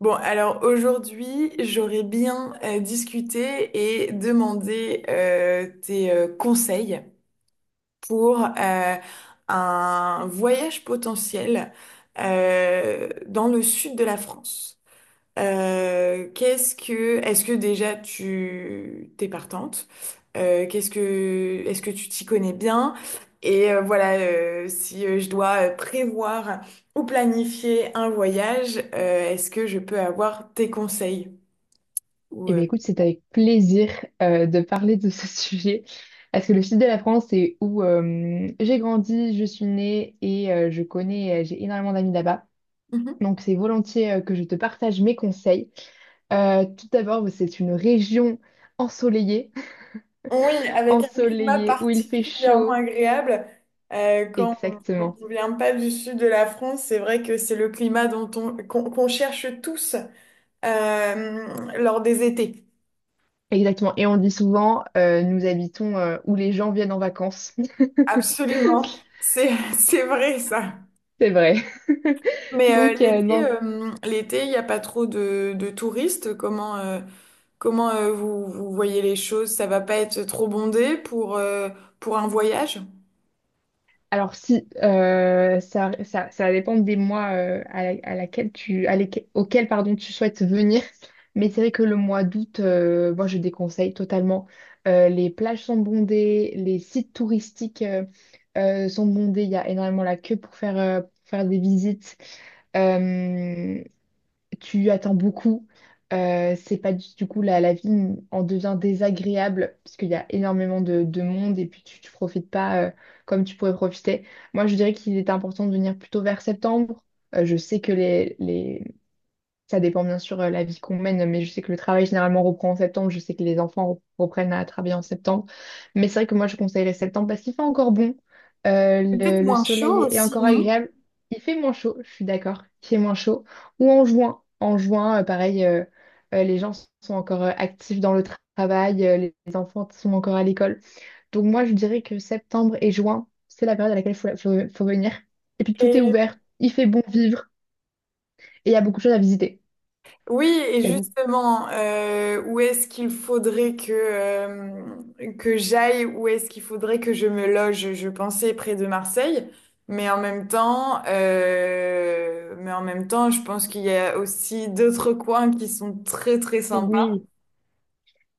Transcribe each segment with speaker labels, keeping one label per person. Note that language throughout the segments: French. Speaker 1: Bon, alors aujourd'hui, j'aurais bien discuté et demandé tes conseils pour un voyage potentiel dans le sud de la France. Est-ce que déjà tu t'es partante? Est-ce que tu t'y connais bien? Et voilà, si je dois prévoir ou planifier un voyage, est-ce que je peux avoir tes conseils? Ou,
Speaker 2: Eh
Speaker 1: euh,
Speaker 2: bien, écoute, c'est avec plaisir de parler de ce sujet. Parce que le sud de la France, c'est où j'ai grandi, je suis née et je connais, j'ai énormément d'amis là-bas.
Speaker 1: Mhm.
Speaker 2: Donc, c'est volontiers que je te partage mes conseils. Tout d'abord, bah, c'est une région ensoleillée,
Speaker 1: Oui, avec un climat
Speaker 2: ensoleillée, où il fait
Speaker 1: particulièrement
Speaker 2: chaud.
Speaker 1: agréable. Quand on
Speaker 2: Exactement.
Speaker 1: ne vient pas du sud de la France, c'est vrai que c'est le climat dont on, qu'on qu'on cherche tous euh, lors des étés.
Speaker 2: Exactement. Et on dit souvent, nous habitons où les gens viennent en vacances.
Speaker 1: Absolument, c'est c'est vrai ça.
Speaker 2: C'est vrai.
Speaker 1: Mais
Speaker 2: Donc,
Speaker 1: l'été,
Speaker 2: non.
Speaker 1: euh, l'été, il n'y a pas trop de touristes. Comment vous, vous voyez les choses? Ça va pas être trop bondé pour un voyage?
Speaker 2: Alors si ça, ça va dépendre des mois à laquelle tu, auquel pardon, tu souhaites venir. Mais c'est vrai que le mois d'août, moi je déconseille totalement. Les plages sont bondées, les sites touristiques sont bondés. Il y a énormément la queue pour faire des visites. Euh, Tu attends beaucoup. C'est pas du coup la vie en devient désagréable parce qu'il y a énormément de monde et puis tu profites pas comme tu pourrais profiter. Moi, je dirais qu'il est important de venir plutôt vers septembre. Je sais que les, ça dépend bien sûr la vie qu'on mène, mais je sais que le travail généralement reprend en septembre. Je sais que les enfants reprennent à travailler en septembre. Mais c'est vrai que moi, je conseillerais septembre parce qu'il fait encore bon.
Speaker 1: Peut-être
Speaker 2: Le
Speaker 1: moins chaud
Speaker 2: soleil est
Speaker 1: aussi,
Speaker 2: encore
Speaker 1: non?
Speaker 2: agréable. Il fait moins chaud, je suis d'accord. Il fait moins chaud. Ou en juin. En juin, pareil, les gens sont encore actifs dans le travail, les enfants sont encore à l'école. Donc moi, je dirais que septembre et juin, c'est la période à laquelle il faut venir. Et puis tout est ouvert, il fait bon vivre et il y a beaucoup de choses à visiter.
Speaker 1: Oui, et justement, où est-ce qu'il faudrait que j'aille, où est-ce qu'il faudrait que je me loge? Je pensais près de Marseille, mais en même temps, mais en même temps, je pense qu'il y a aussi d'autres coins qui sont très très sympas.
Speaker 2: Oui,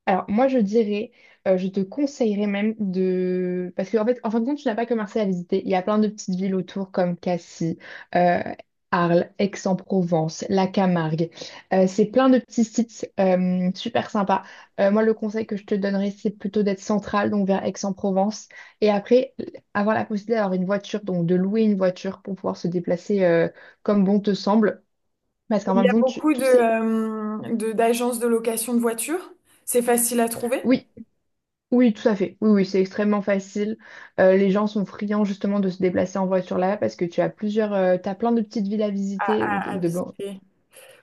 Speaker 2: alors moi je dirais, je te conseillerais même de... Parce qu'en fait, en fin de compte, tu n'as pas que Marseille à visiter. Il y a plein de petites villes autour comme Cassis, euh, Arles, Aix-en-Provence, la Camargue. C'est plein de petits sites super sympas. Moi, le conseil que je te donnerais, c'est plutôt d'être central, donc vers Aix-en-Provence. Et après, avoir la possibilité d'avoir une voiture, donc de louer une voiture pour pouvoir se déplacer comme bon te semble. Parce qu'en
Speaker 1: Il
Speaker 2: fin
Speaker 1: y a
Speaker 2: de compte,
Speaker 1: beaucoup
Speaker 2: tous ces...
Speaker 1: d'agences de location de voitures. C'est facile à trouver,
Speaker 2: Oui, oui, tout à fait. Oui, oui, c'est extrêmement facile. Les gens sont friands justement de se déplacer en voiture là parce que tu as plein de petites villes à visiter.
Speaker 1: à à visiter.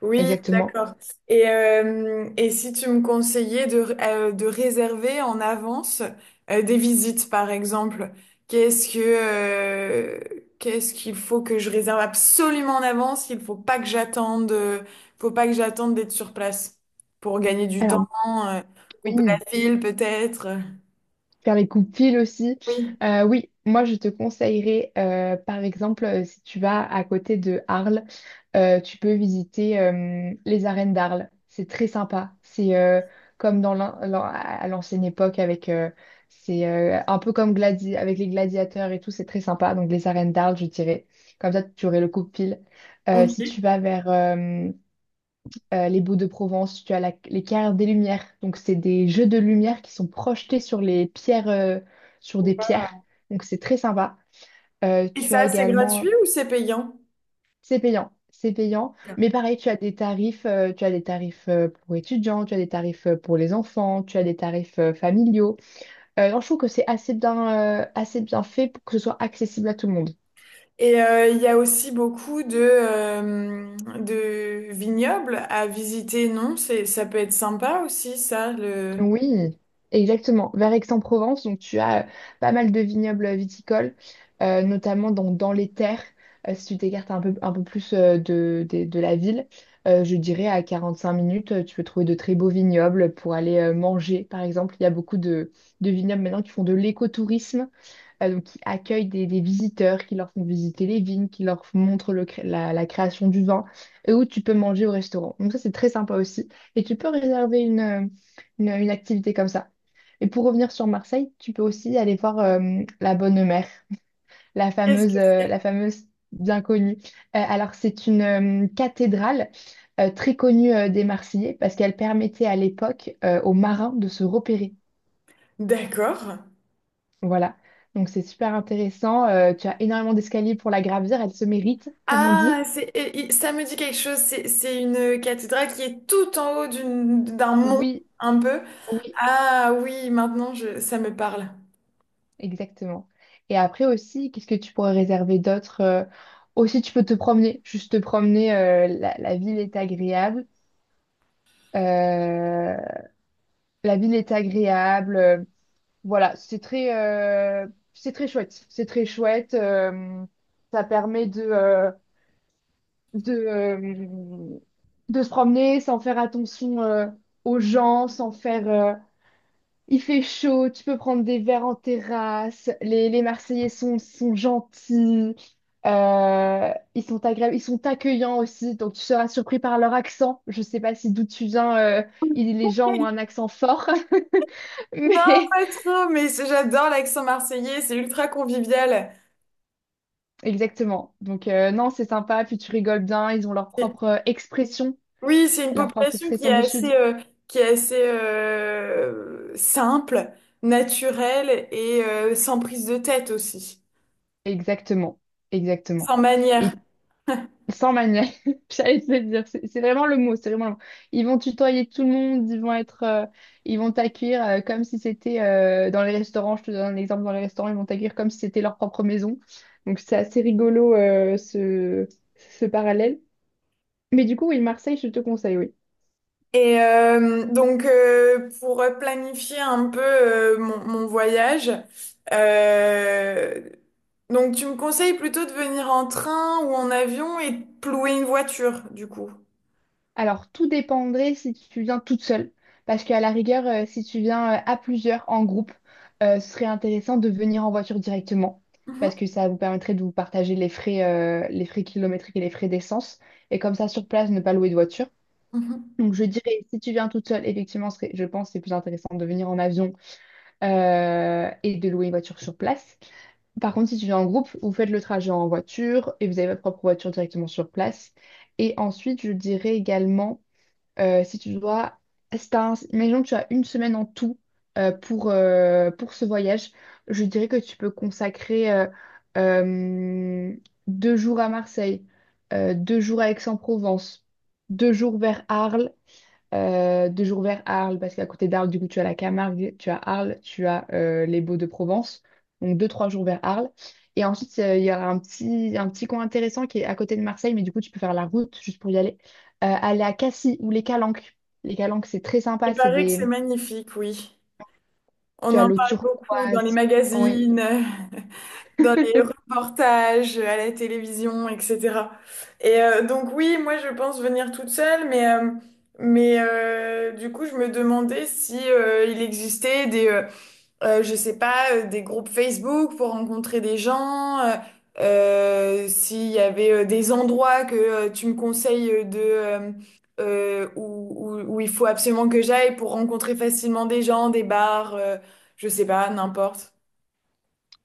Speaker 1: Oui,
Speaker 2: Exactement.
Speaker 1: d'accord. Et si tu me conseillais de réserver en avance des visites, par exemple, qu'est-ce que, euh, qu'est-ce qu'il faut que je réserve absolument en avance? Il faut pas que j'attende d'être sur place pour gagner du temps,
Speaker 2: Alors,
Speaker 1: euh, couper
Speaker 2: oui.
Speaker 1: la file peut-être.
Speaker 2: Faire les coups pile aussi.
Speaker 1: Oui.
Speaker 2: Oui, moi je te conseillerais, par exemple, si tu vas à côté de Arles, tu peux visiter les arènes d'Arles. C'est très sympa. C'est comme dans à l'ancienne époque c'est un peu comme gladi avec les gladiateurs et tout. C'est très sympa. Donc les arènes d'Arles, je dirais. Comme ça, tu aurais le coup pile. Si
Speaker 1: Ok.
Speaker 2: tu vas vers les baux de Provence, tu as les carrières des lumières. Donc, c'est des jeux de lumière qui sont projetés sur des pierres. Donc, c'est très sympa.
Speaker 1: Et
Speaker 2: Tu as
Speaker 1: ça, c'est
Speaker 2: également,
Speaker 1: gratuit ou c'est payant?
Speaker 2: c'est payant, c'est payant. Mais pareil, tu as des tarifs pour étudiants, tu as des tarifs pour les enfants, tu as des tarifs familiaux. Non, je trouve que c'est assez bien fait pour que ce soit accessible à tout le monde.
Speaker 1: Et il y a aussi beaucoup de vignobles à visiter, non? Ça peut être sympa aussi, ça.
Speaker 2: Oui, exactement. Vers Aix-en-Provence, donc tu as pas mal de vignobles viticoles, notamment donc dans les terres. Si tu t'écartes un peu plus de la ville, je dirais à 45 minutes, tu peux trouver de très beaux vignobles pour aller manger, par exemple. Il y a beaucoup de vignobles maintenant qui font de l'écotourisme donc qui accueillent des visiteurs, qui leur font visiter les vignes, qui leur montrent la création du vin, et où tu peux manger au restaurant. Donc ça, c'est très sympa aussi. Et tu peux réserver une activité comme ça. Et pour revenir sur Marseille, tu peux aussi aller voir la Bonne Mère,
Speaker 1: Qu'est-ce que c'est?
Speaker 2: la fameuse bien connue. Alors c'est une cathédrale très connue des Marseillais parce qu'elle permettait à l'époque aux marins de se repérer.
Speaker 1: D'accord.
Speaker 2: Voilà. Donc c'est super intéressant. Tu as énormément d'escaliers pour la gravir. Elle se mérite, comme on dit.
Speaker 1: Ah, ça me dit quelque chose. C'est une cathédrale qui est tout en haut d'un mont,
Speaker 2: Oui,
Speaker 1: un peu.
Speaker 2: oui,
Speaker 1: Ah oui, maintenant, ça me parle.
Speaker 2: exactement. Et après aussi, qu'est-ce que tu pourrais réserver d'autre? Aussi, tu peux te promener. Juste te promener. La ville est agréable. Euh, la ville est agréable. Voilà, c'est très chouette. C'est très chouette. Ça permet de, euh, de se promener sans faire attention aux gens, sans faire... il fait chaud, tu peux prendre des verres en terrasse, les Marseillais sont gentils, ils sont agréables, ils sont accueillants aussi, donc tu seras surpris par leur accent. Je sais pas si d'où tu viens, les gens ont un accent fort,
Speaker 1: Non,
Speaker 2: mais
Speaker 1: pas trop, mais j'adore l'accent marseillais, c'est ultra convivial.
Speaker 2: exactement. Donc non, c'est sympa, puis tu rigoles bien, ils ont
Speaker 1: Oui, c'est une
Speaker 2: leur propre
Speaker 1: population qui
Speaker 2: expression
Speaker 1: est
Speaker 2: du Sud.
Speaker 1: assez, euh, qui est assez euh, simple, naturelle et sans prise de tête aussi,
Speaker 2: Exactement, exactement.
Speaker 1: sans manière.
Speaker 2: Et sans manuel, j'allais te le dire, c'est vraiment le mot, c'est vraiment le mot. Ils vont tutoyer tout le monde, ils vont t'accueillir comme si c'était dans les restaurants. Je te donne un exemple dans les restaurants, ils vont t'accueillir comme si c'était leur propre maison. Donc c'est assez rigolo ce parallèle. Mais du coup, oui, Marseille, je te conseille, oui.
Speaker 1: Et donc, pour planifier un peu mon voyage, euh, donc tu me conseilles plutôt de venir en train ou en avion et de louer une voiture, du coup.
Speaker 2: Alors, tout dépendrait si tu viens toute seule, parce qu'à la rigueur, si tu viens à plusieurs en groupe, ce serait intéressant de venir en voiture directement,
Speaker 1: Mhm,
Speaker 2: parce que ça vous permettrait de vous partager les frais kilométriques et les frais d'essence, et comme ça, sur place, ne pas louer de voiture.
Speaker 1: mhm.
Speaker 2: Donc, je dirais, si tu viens toute seule, effectivement, je pense que c'est plus intéressant de venir en avion et de louer une voiture sur place. Par contre, si tu viens en groupe, vous faites le trajet en voiture et vous avez votre propre voiture directement sur place. Et ensuite, je dirais également... si tu dois, si t'as un- Imaginons que tu as une semaine en tout pour ce voyage, je dirais que tu peux consacrer euh, deux jours à Marseille, deux jours à Aix-en-Provence, deux jours vers Arles deux jours vers Arles, parce qu'à côté d'Arles, du coup, tu as la Camargue, tu as Arles, tu as les Baux de Provence. Donc, deux, trois jours vers Arles. Et ensuite, il y aura un petit coin intéressant qui est à côté de Marseille, mais du coup, tu peux faire la route juste pour y aller. Aller à Cassis ou les Calanques. Les Calanques, c'est très sympa.
Speaker 1: Il
Speaker 2: C'est
Speaker 1: paraît que c'est
Speaker 2: des...
Speaker 1: magnifique, oui.
Speaker 2: Tu
Speaker 1: On
Speaker 2: as
Speaker 1: en
Speaker 2: l'eau
Speaker 1: parle beaucoup dans les
Speaker 2: turquoise. Oui.
Speaker 1: magazines. Dans les reportages, à la télévision, etc. Et donc oui, moi je pense venir toute seule, mais du coup je me demandais si il existait je sais pas, des groupes Facebook pour rencontrer des gens, s'il y avait des endroits que tu me conseilles de... où il faut absolument que j'aille pour rencontrer facilement des gens, des bars, je sais pas, n'importe.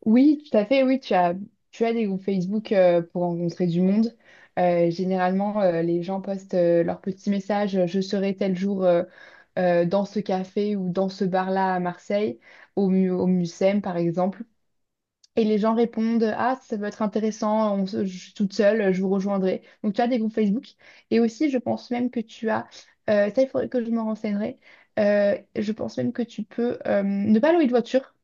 Speaker 2: Oui, tout à fait. Oui, tu as des groupes Facebook pour rencontrer du monde. Généralement, les gens postent leurs petits messages, je serai tel jour dans ce café ou dans ce bar-là à Marseille, au Mucem par exemple. Et les gens répondent, ah, ça peut être intéressant, je suis toute seule, je vous rejoindrai. Donc tu as des groupes Facebook. Et aussi, je pense même que tu as, ça il faudrait que je me renseignerai. Je pense même que tu peux, ne pas louer de voiture.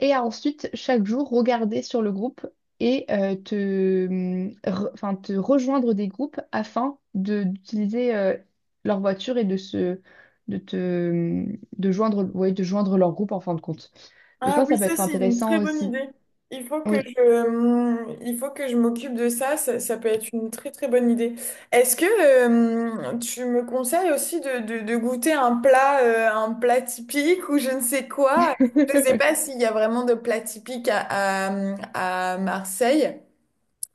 Speaker 2: Et à ensuite, chaque jour, regarder sur le groupe et enfin, te rejoindre des groupes afin de d'utiliser leur voiture et de se de te de joindre ouais, de joindre leur groupe en fin de compte. Et je
Speaker 1: Ah
Speaker 2: pense que
Speaker 1: oui,
Speaker 2: ça peut
Speaker 1: ça
Speaker 2: être
Speaker 1: c'est une très
Speaker 2: intéressant
Speaker 1: bonne
Speaker 2: aussi.
Speaker 1: idée. Il faut que
Speaker 2: Oui.
Speaker 1: je, il faut que je m'occupe de ça. Ça peut être une très très bonne idée. Est-ce que tu me conseilles aussi de goûter un plat typique ou je ne sais quoi? Je ne sais pas s'il y a vraiment de plat typique à Marseille.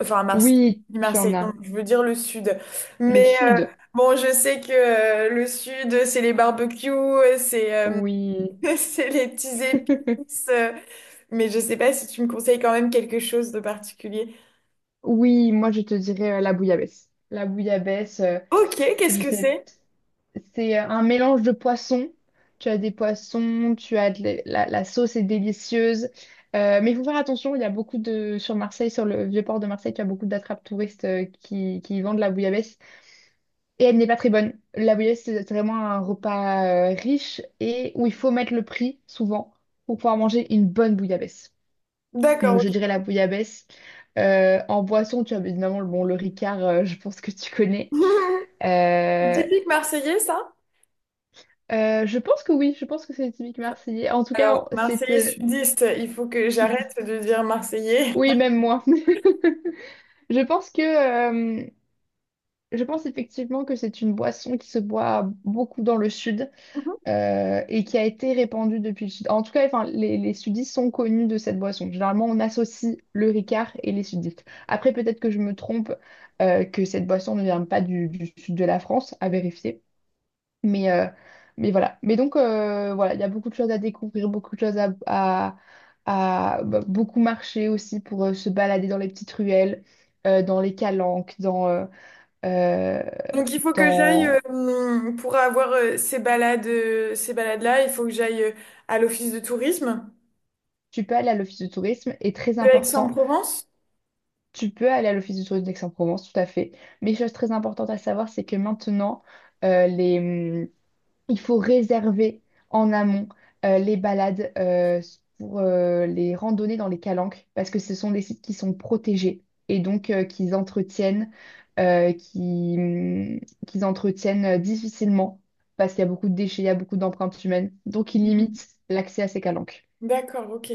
Speaker 1: Enfin, à Marseille.
Speaker 2: Oui,
Speaker 1: Je dis
Speaker 2: tu en
Speaker 1: Marseille,
Speaker 2: as.
Speaker 1: donc je veux dire le sud.
Speaker 2: Le
Speaker 1: Mais
Speaker 2: sud.
Speaker 1: bon, je sais que le sud, c'est les barbecues, c'est
Speaker 2: Oui.
Speaker 1: c'est les petits épices. Mais je sais pas si tu me conseilles quand même quelque chose de particulier.
Speaker 2: Oui, moi je te dirais la bouillabaisse. La bouillabaisse,
Speaker 1: Ok, qu'est-ce
Speaker 2: je
Speaker 1: que
Speaker 2: sais.
Speaker 1: c'est?
Speaker 2: C'est un mélange de poissons. Tu as des poissons, tu as la sauce est délicieuse. Mais il faut faire attention, il y a beaucoup de... Sur Marseille, sur le vieux port de Marseille, tu as beaucoup d'attrapes touristes qui vendent la bouillabaisse. Et elle n'est pas très bonne. La bouillabaisse, c'est vraiment un repas riche et où il faut mettre le prix, souvent, pour pouvoir manger une bonne bouillabaisse.
Speaker 1: D'accord,
Speaker 2: Donc je
Speaker 1: ok.
Speaker 2: dirais la bouillabaisse. En boisson, tu as évidemment bon, le Ricard, je pense que tu connais.
Speaker 1: C'est
Speaker 2: Euh,
Speaker 1: typique marseillais, ça?
Speaker 2: Je pense que oui, je pense que c'est typique marseillais. En tout cas,
Speaker 1: Alors,
Speaker 2: c'est
Speaker 1: marseillais sudiste, il faut que j'arrête
Speaker 2: sudiste.
Speaker 1: de dire marseillais.
Speaker 2: Oui, même moi. Je pense que, euh, je pense effectivement que c'est une boisson qui se boit beaucoup dans le sud et qui a été répandue depuis le sud. En tout cas, enfin, les sudistes sont connus de cette boisson. Généralement, on associe le Ricard et les sudistes. Après, peut-être que je me trompe, que cette boisson ne vient pas du sud de la France, à vérifier. Mais, euh, mais voilà. Mais donc, voilà, il y a beaucoup de choses à découvrir, beaucoup de choses bah, beaucoup marcher aussi pour se balader dans les petites ruelles, dans les calanques, euh,
Speaker 1: Donc, il faut que j'aille, euh,
Speaker 2: dans...
Speaker 1: hum, pour avoir ces balades-là, il faut que j'aille à l'office de tourisme
Speaker 2: Tu peux aller à l'office de tourisme et très
Speaker 1: de
Speaker 2: important,
Speaker 1: Aix-en-Provence.
Speaker 2: tu peux aller à l'office de tourisme d'Aix-en-Provence, tout à fait. Mais chose très importante à savoir, c'est que maintenant, les il faut réserver en amont les balades pour les randonnées dans les calanques parce que ce sont des sites qui sont protégés et donc euh, qui, hum, qu'ils entretiennent difficilement parce qu'il y a beaucoup de déchets, il y a beaucoup d'empreintes humaines. Donc, ils limitent l'accès à ces calanques.
Speaker 1: D'accord, ok.